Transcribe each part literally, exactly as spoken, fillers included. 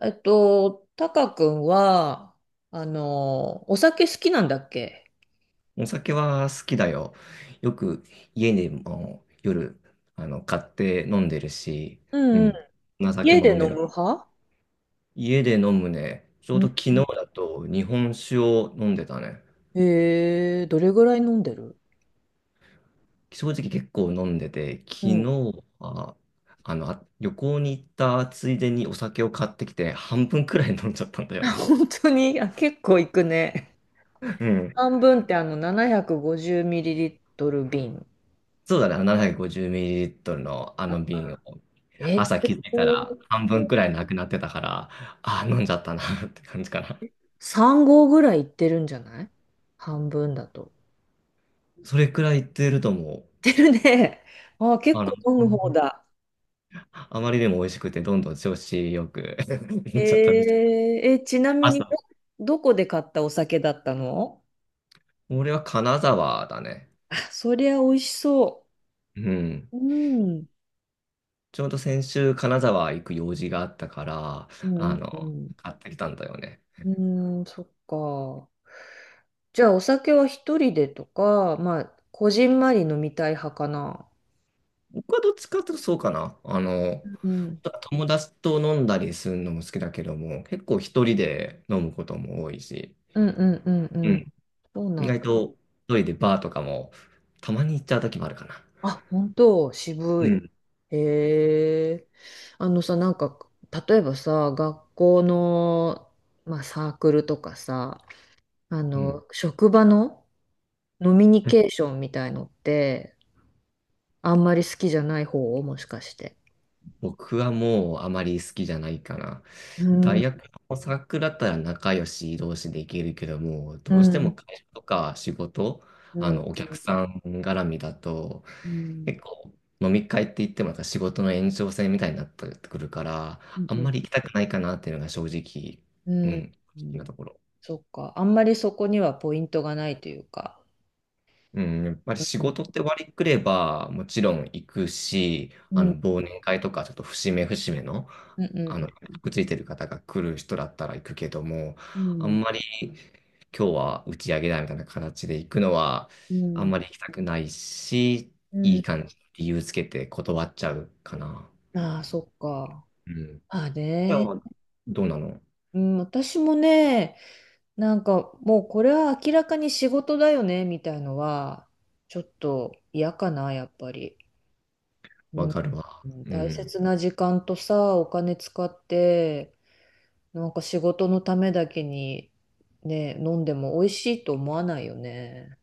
えっと、タカ君は、あの、お酒好きなんだっけ？お酒は好きだよ。よく家でも夜あの買って飲んでるし、ううんうん。ん、お酒家もで飲飲める。む派？家で飲むね。ちょううん。ど昨日だと日本酒を飲んでたね。へえ、どれぐらい飲んでる？正直結構飲んでて、う昨日ん。はあのあ旅行に行ったついでにお酒を買ってきて半分くらい飲んじゃったんだ よね。本当に、あ、結構いくね。うん。半分って、あの、ななひゃくごじゅうミリリットル 瓶？そうだね、ななひゃくごじゅうミリリットル のあのあ瓶を。え、朝気結づいたら構。半分くらいなくなってたから、ああ、飲んじゃったなって感じかな。さんごう合ぐらいいってるんじゃない？半分だと。それくらいいってるともいってるね。あ、う、結あの、構飲む方だ。あまりでも美味しくて、どんどん調子よく 飲えんじゃったみたー、い。え、ちなみにど、朝。どこで買ったお酒だったの？俺は金沢だね。そりゃ美味しそうん。う。うん。ちょうど先週金沢行く用事があったから、うあんの、うん買ってきたんだよね。うん。うーん、そっか。じゃあ、お酒は一人でとか、まあ、こじんまり飲みたい派かな？僕はどっちかっていうとそうかな。あの、うん。友達と飲んだりするのも好きだけども、結構一人で飲むことも多いし。うんうんうんううん。ん。そう意なん外だ。と一人でバーとかもたまに行っちゃう時もあるかな。あ、本当、う渋い。ん。へえ。あのさ、なんか、例えばさ、学校の、まあ、サークルとかさ、あうん。の、職場の飲みニケーションみたいのって、あんまり好きじゃない方？もしかして。僕はもうあまり好きじゃないかな。うん、うん、大学のサークルだったら仲良し同士で行けるけども、うどうしてん、も会社とか仕事、うあん、の、お客さん絡みだと、うん、結構飲み会って言ってもまた仕事の延長線みたいになってくるから、うあんんまり行きたくないかなっていうのが正直、ううん、ん、う正直なん、ところ。そっか。あんまりそこにはポイントがないというか。うん、やっぱりう仕ん、事って割りくれば、もちろん行くし、うあん、の、忘年会とか、ちょっと節目節目の、うあの、ん、くっついてる方が来る人だったら行くけども、うあん、んまり今日は打ち上げだみたいな形で行くのは、うあんん。まり行きたくないし、ういいん。感じ、理由つけて断っちゃうかな。ああ、そっか。うん。いまあや、ね。どうなの？うん、私もね、なんかもうこれは明らかに仕事だよね、みたいのは、ちょっと嫌かな、やっぱり。うわん、かるわ。うん、う大ん。切な時間とさ、お金使って、なんか仕事のためだけにね、飲んでも美味しいと思わないよね。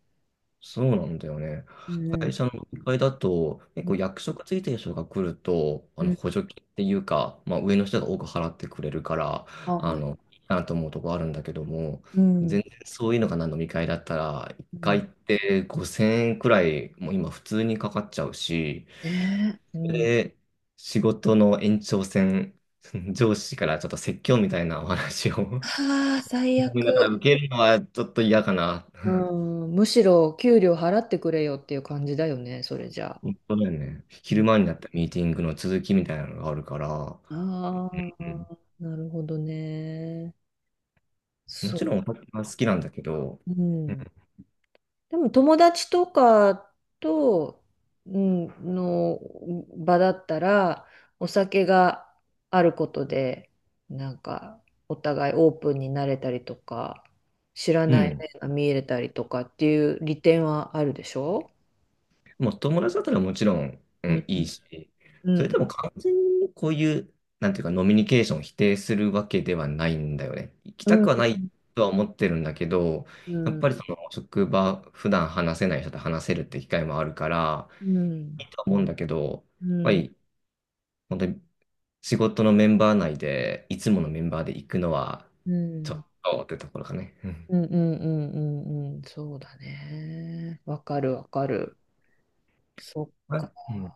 そうなんだよね。うん。会社のいっかいだと、結構役職ついてる人が来ると、あうのん。補助金っていうか、まあ、上の人が多く払ってくれるから、あ、あはい。の、いいなと思うとこあるんだけども、うん。全然そういうのがな飲み会だったら、1う回んってごせんえんくらい、もう今普通にかかっちゃうし、ねえ。うん。で、仕事の延長線、上司からちょっと説教みたいなお話を はあ、最だから受悪。けるのはちょっと嫌かな。うん。むしろ給料払ってくれよっていう感じだよね、それじゃあ。本当だよね。う昼ん、間になったミーティングの続きみたいなのがあるから、あうあ、ん。なるほどね。もそちう。ろんお酒は好きなんだけど、うん。でも友達とかと、うん、の場だったら、お酒があることで、なんか、お互いオープンになれたりとか、知らうないん。面が見えれたりとかっていう利点はあるでしょ？もう友達だったらもちろん、ううん、ん、いいし、うそれでん、も完全にこういう、なんていうか、ノミニケーションを否定するわけではないんだよね。行きうたん、うくはん、ないとは思ってるんだけど、うやっん、ぱりその職場、普段話せない人と話せるって機会もあるから、うん、いいとは思うんだけど、やっうぱん、り、本当に仕事のメンバー内で、いつものメンバーで行くのは、うん、うちょん、っとってところかね。うん。うん、うんうん、そうだね。わかる、わかる。そっか。あ、うん。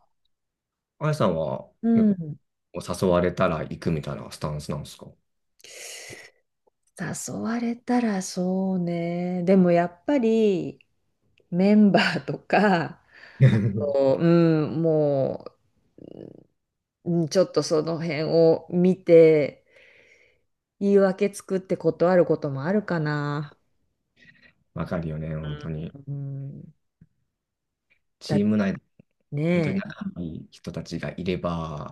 あやさんは、う結ん。構誘われたら行くみたいなスタンスなんですか？ 誘われたらそうね。でもやっぱりメンバーとか、あ と、うん、もう、うん、ちょっとその辺を見て、言い訳作って断ることもあるかな。わかるよね、本当に。うん、だっチてーム内で、本当にね。仲いい人たちがいれ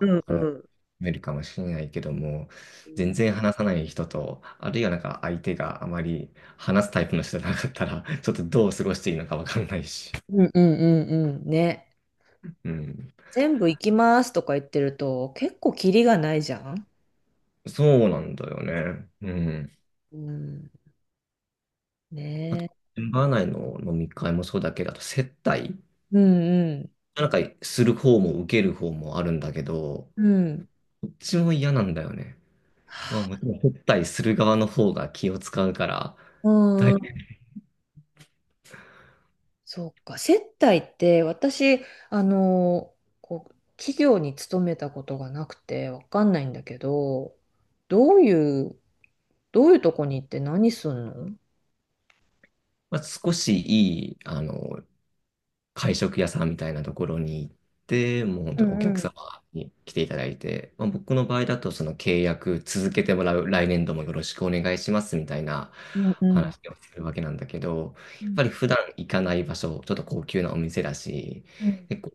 うんあうの、ん。見えるかもしれないけども、全然話さない人と、あるいはなんか相手があまり話すタイプの人じゃなかったら、ちょっとどう過ごしていいのかわかんないし。うんうんうんうん。ね。うん。全部行きますとか言ってると、結構キリがないじゃん。そうなんだよね。うん。うん。ねあと、え。メンバー内の飲み会もそうだけど、あと接待うんうん。なんかする方も受ける方もあるんだけど、うん。どっちも嫌なんだよね。まあもちろん接待する側の方が気を使うから、うだんいうん。そうか、接待って私、あの、こう、企業に勤めたことがなくてわかんないんだけど、どういう、どういうとこに行って何すんの？うまあ、少しいい、あの、会食屋さんみたいなところに行って、もう本ん当におう客ん様に来ていただいて、まあ、僕の場合だとその契約続けてもらう、来年度もよろしくお願いしますみたいなうん話をするわけなんだけど、うやっんぱり普段行かない場所、ちょっと高級なお店だし、うん結構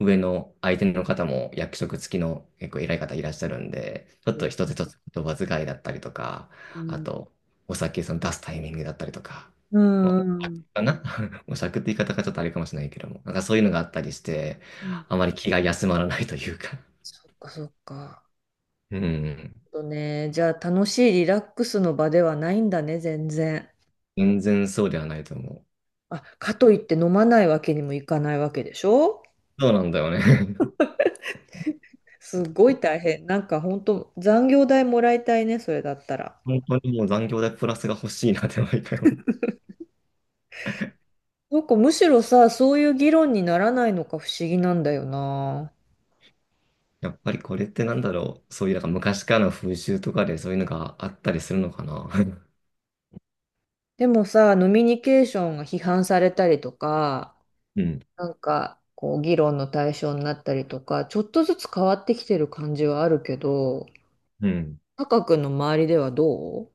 上の相手の方も役職付きの結構偉い方いらっしゃるんで、ちょっうんと一つ一つ言葉遣いだったりとか、うあんとお酒その出すタイミングだったりとか、うんもうん。う、かな模索って言い方がちょっとあれかもしれないけども、なんかそういうのがあったりして、あまり気が休まらないというか。そっかそっか。うん。とね、じゃあ楽しいリラックスの場ではないんだね、全然。全然そうではないと思う。あ、かといって飲まないわけにもいかないわけでしょ？そうなんだよね。すごい大変。なんか本当残業代もらいたいね、それだったら。本当にもう残業代プラスが欲しいなって毎回思う。なんかむしろさ、そういう議論にならないのか不思議なんだよな。やっぱりこれってなんだろう。そういうなんか昔からの風習とかでそういうのがあったりするのかな。でもさ、ノミニケーションが批判されたりとか、うん。なんかこう議論の対象になったりとか、ちょっとずつ変わってきてる感じはあるけど、うん。タカ君の周りではどう？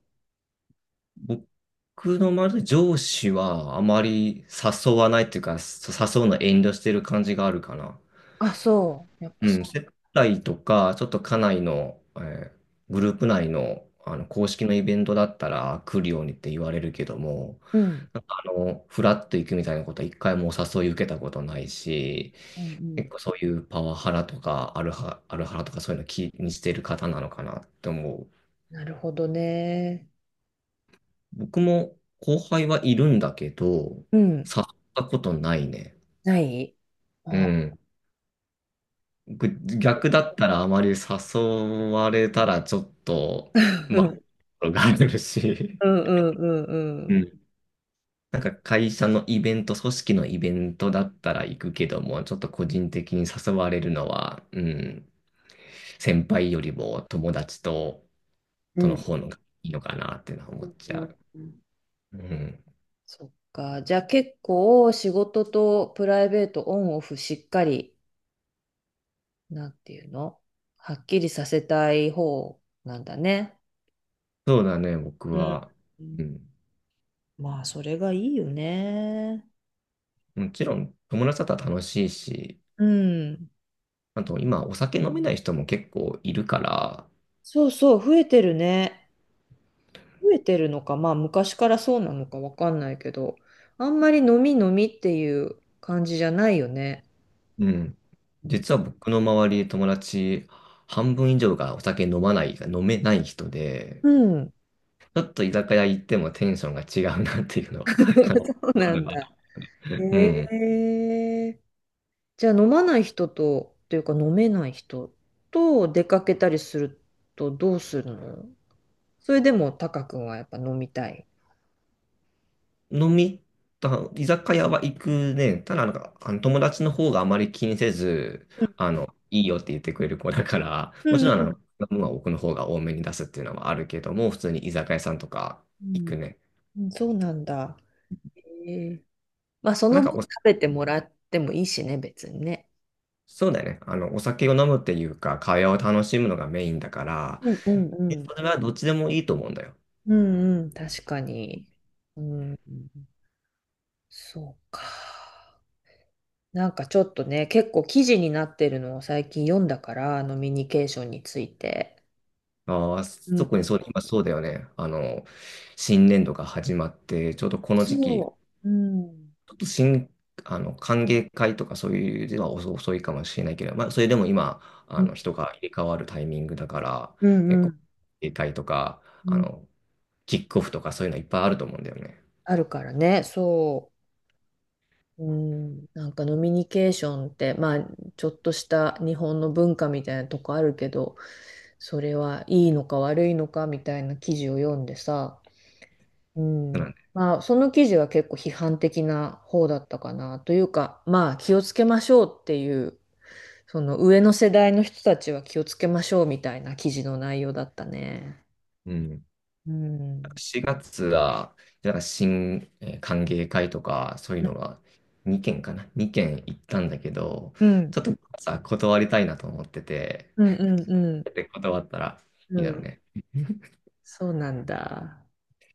僕のまず上司はあまり誘わないっていうか、そ誘うの遠慮してる感じがあるかな。あ、そう。やっぱうん、そ接待とか、ちょっと家内の、えーグループ内の、あの公式のイベントだったら来るようにって言われるけども、う。うん。なんかあの、フラッと行くみたいなことは一回もお誘い受けたことないし、うんう結ん。構そういうパワハラとかアルハ、アルハラとかそういうの気にしてる方なのかなって思う。なるほどね。僕も後輩はいるんだけど、うん。誘ったことないね。ない？うあ ん。僕逆だったらあまり誘われたらちょっと、うまんあ、があるし、うんうんうんううん。ん。なんか会社のイベント、組織のイベントだったら行くけども、ちょっと個人的に誘われるのは、うん、先輩よりも友達と、うとん。の方のがいいのかなっていうのは思っちうゃんうん。う。うん。そっか。じゃあ結構仕事とプライベートオンオフしっかり、なんていうの、はっきりさせたい方なんだね。そうだね、僕うん。は。ううん、ん。まあ、それがいいよね。もちろん、友達だったら楽しいし、うん。あと今、お酒飲めない人も結構いるから、そうそう、増えてるね。増えてるのか、まあ昔からそうなのかわかんないけど、あんまり飲み飲みっていう感じじゃないよね。うん。うん実は僕の周り、友達、半分以上がお酒飲まない、飲めない人で、うん ちょっと居酒屋行ってもテンションが違うなっていうの は、かな。そうなんだ。うえん。え、じゃあ飲まない人と、というか飲めない人と出かけたりするとどうするの？それでもタカ君はやっぱ飲みたい？飲みた、居酒屋は行くね。ただなんか、あの友達の方があまり気にせず、うあんの、いいよって言ってくれる子だから、うもちんうろん、あんの、飲むは奥の方が多めに出すっていうのはあるけども、普通に居酒屋さんとかう行くん。ね。そうなんだ。ええ、まあそなのん分か、食べてもらってもいいしね、別にね。そうだよね。あの、お酒を飲むっていうか、会話を楽しむのがメインだから、うんうんうでんそれはどっちでもいいと思うんだよ。うん、うん、確かに。うん、そうか。なんかちょっとね、結構記事になってるのを最近読んだから、飲みニケーションについて。ああ、特にそう、今そうだよね。あの、新年度が始まって、ちょうどこの時期、そう。うん。ちょっと新、あの、歓迎会とかそういうでは遅遅いかもしれないけど、まあ、それでも今、うあの、ん、人が入れ替わるタイミングだから、うん、結う構、歓ん迎会とか、うあん、の、キックオフとかそういうのいっぱいあると思うんだよね。あるからね。そう。うん。なんかノミニケーションって、まあ、ちょっとした日本の文化みたいなとこあるけど、それはいいのか悪いのかみたいな記事を読んでさ、うなんん。で、まあ、その記事は結構批判的な方だったかな。というか、まあ、気をつけましょうっていう、その上の世代の人たちは気をつけましょうみたいな記事の内容だったね。うん。うん。しがつは、なんか新、えー歓迎会とか、そういうのがにけんかな。にけん行ったんだけど、うん。ちょっとさ、断りたいなと思ってて、うんうんうん。で、断ったらういいだろうん。ね。そうなんだ。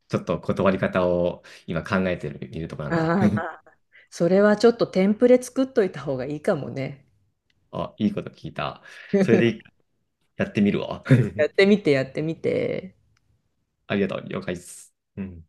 ちょっと断り方を今考えてる、いるとこなんだ。あ あ、それはちょっとテンプレ作っといた方がいいかもね。あ、いいこと聞いた。それで やってみるわ。やって みて、やってみて。ありがとう。了解です。うん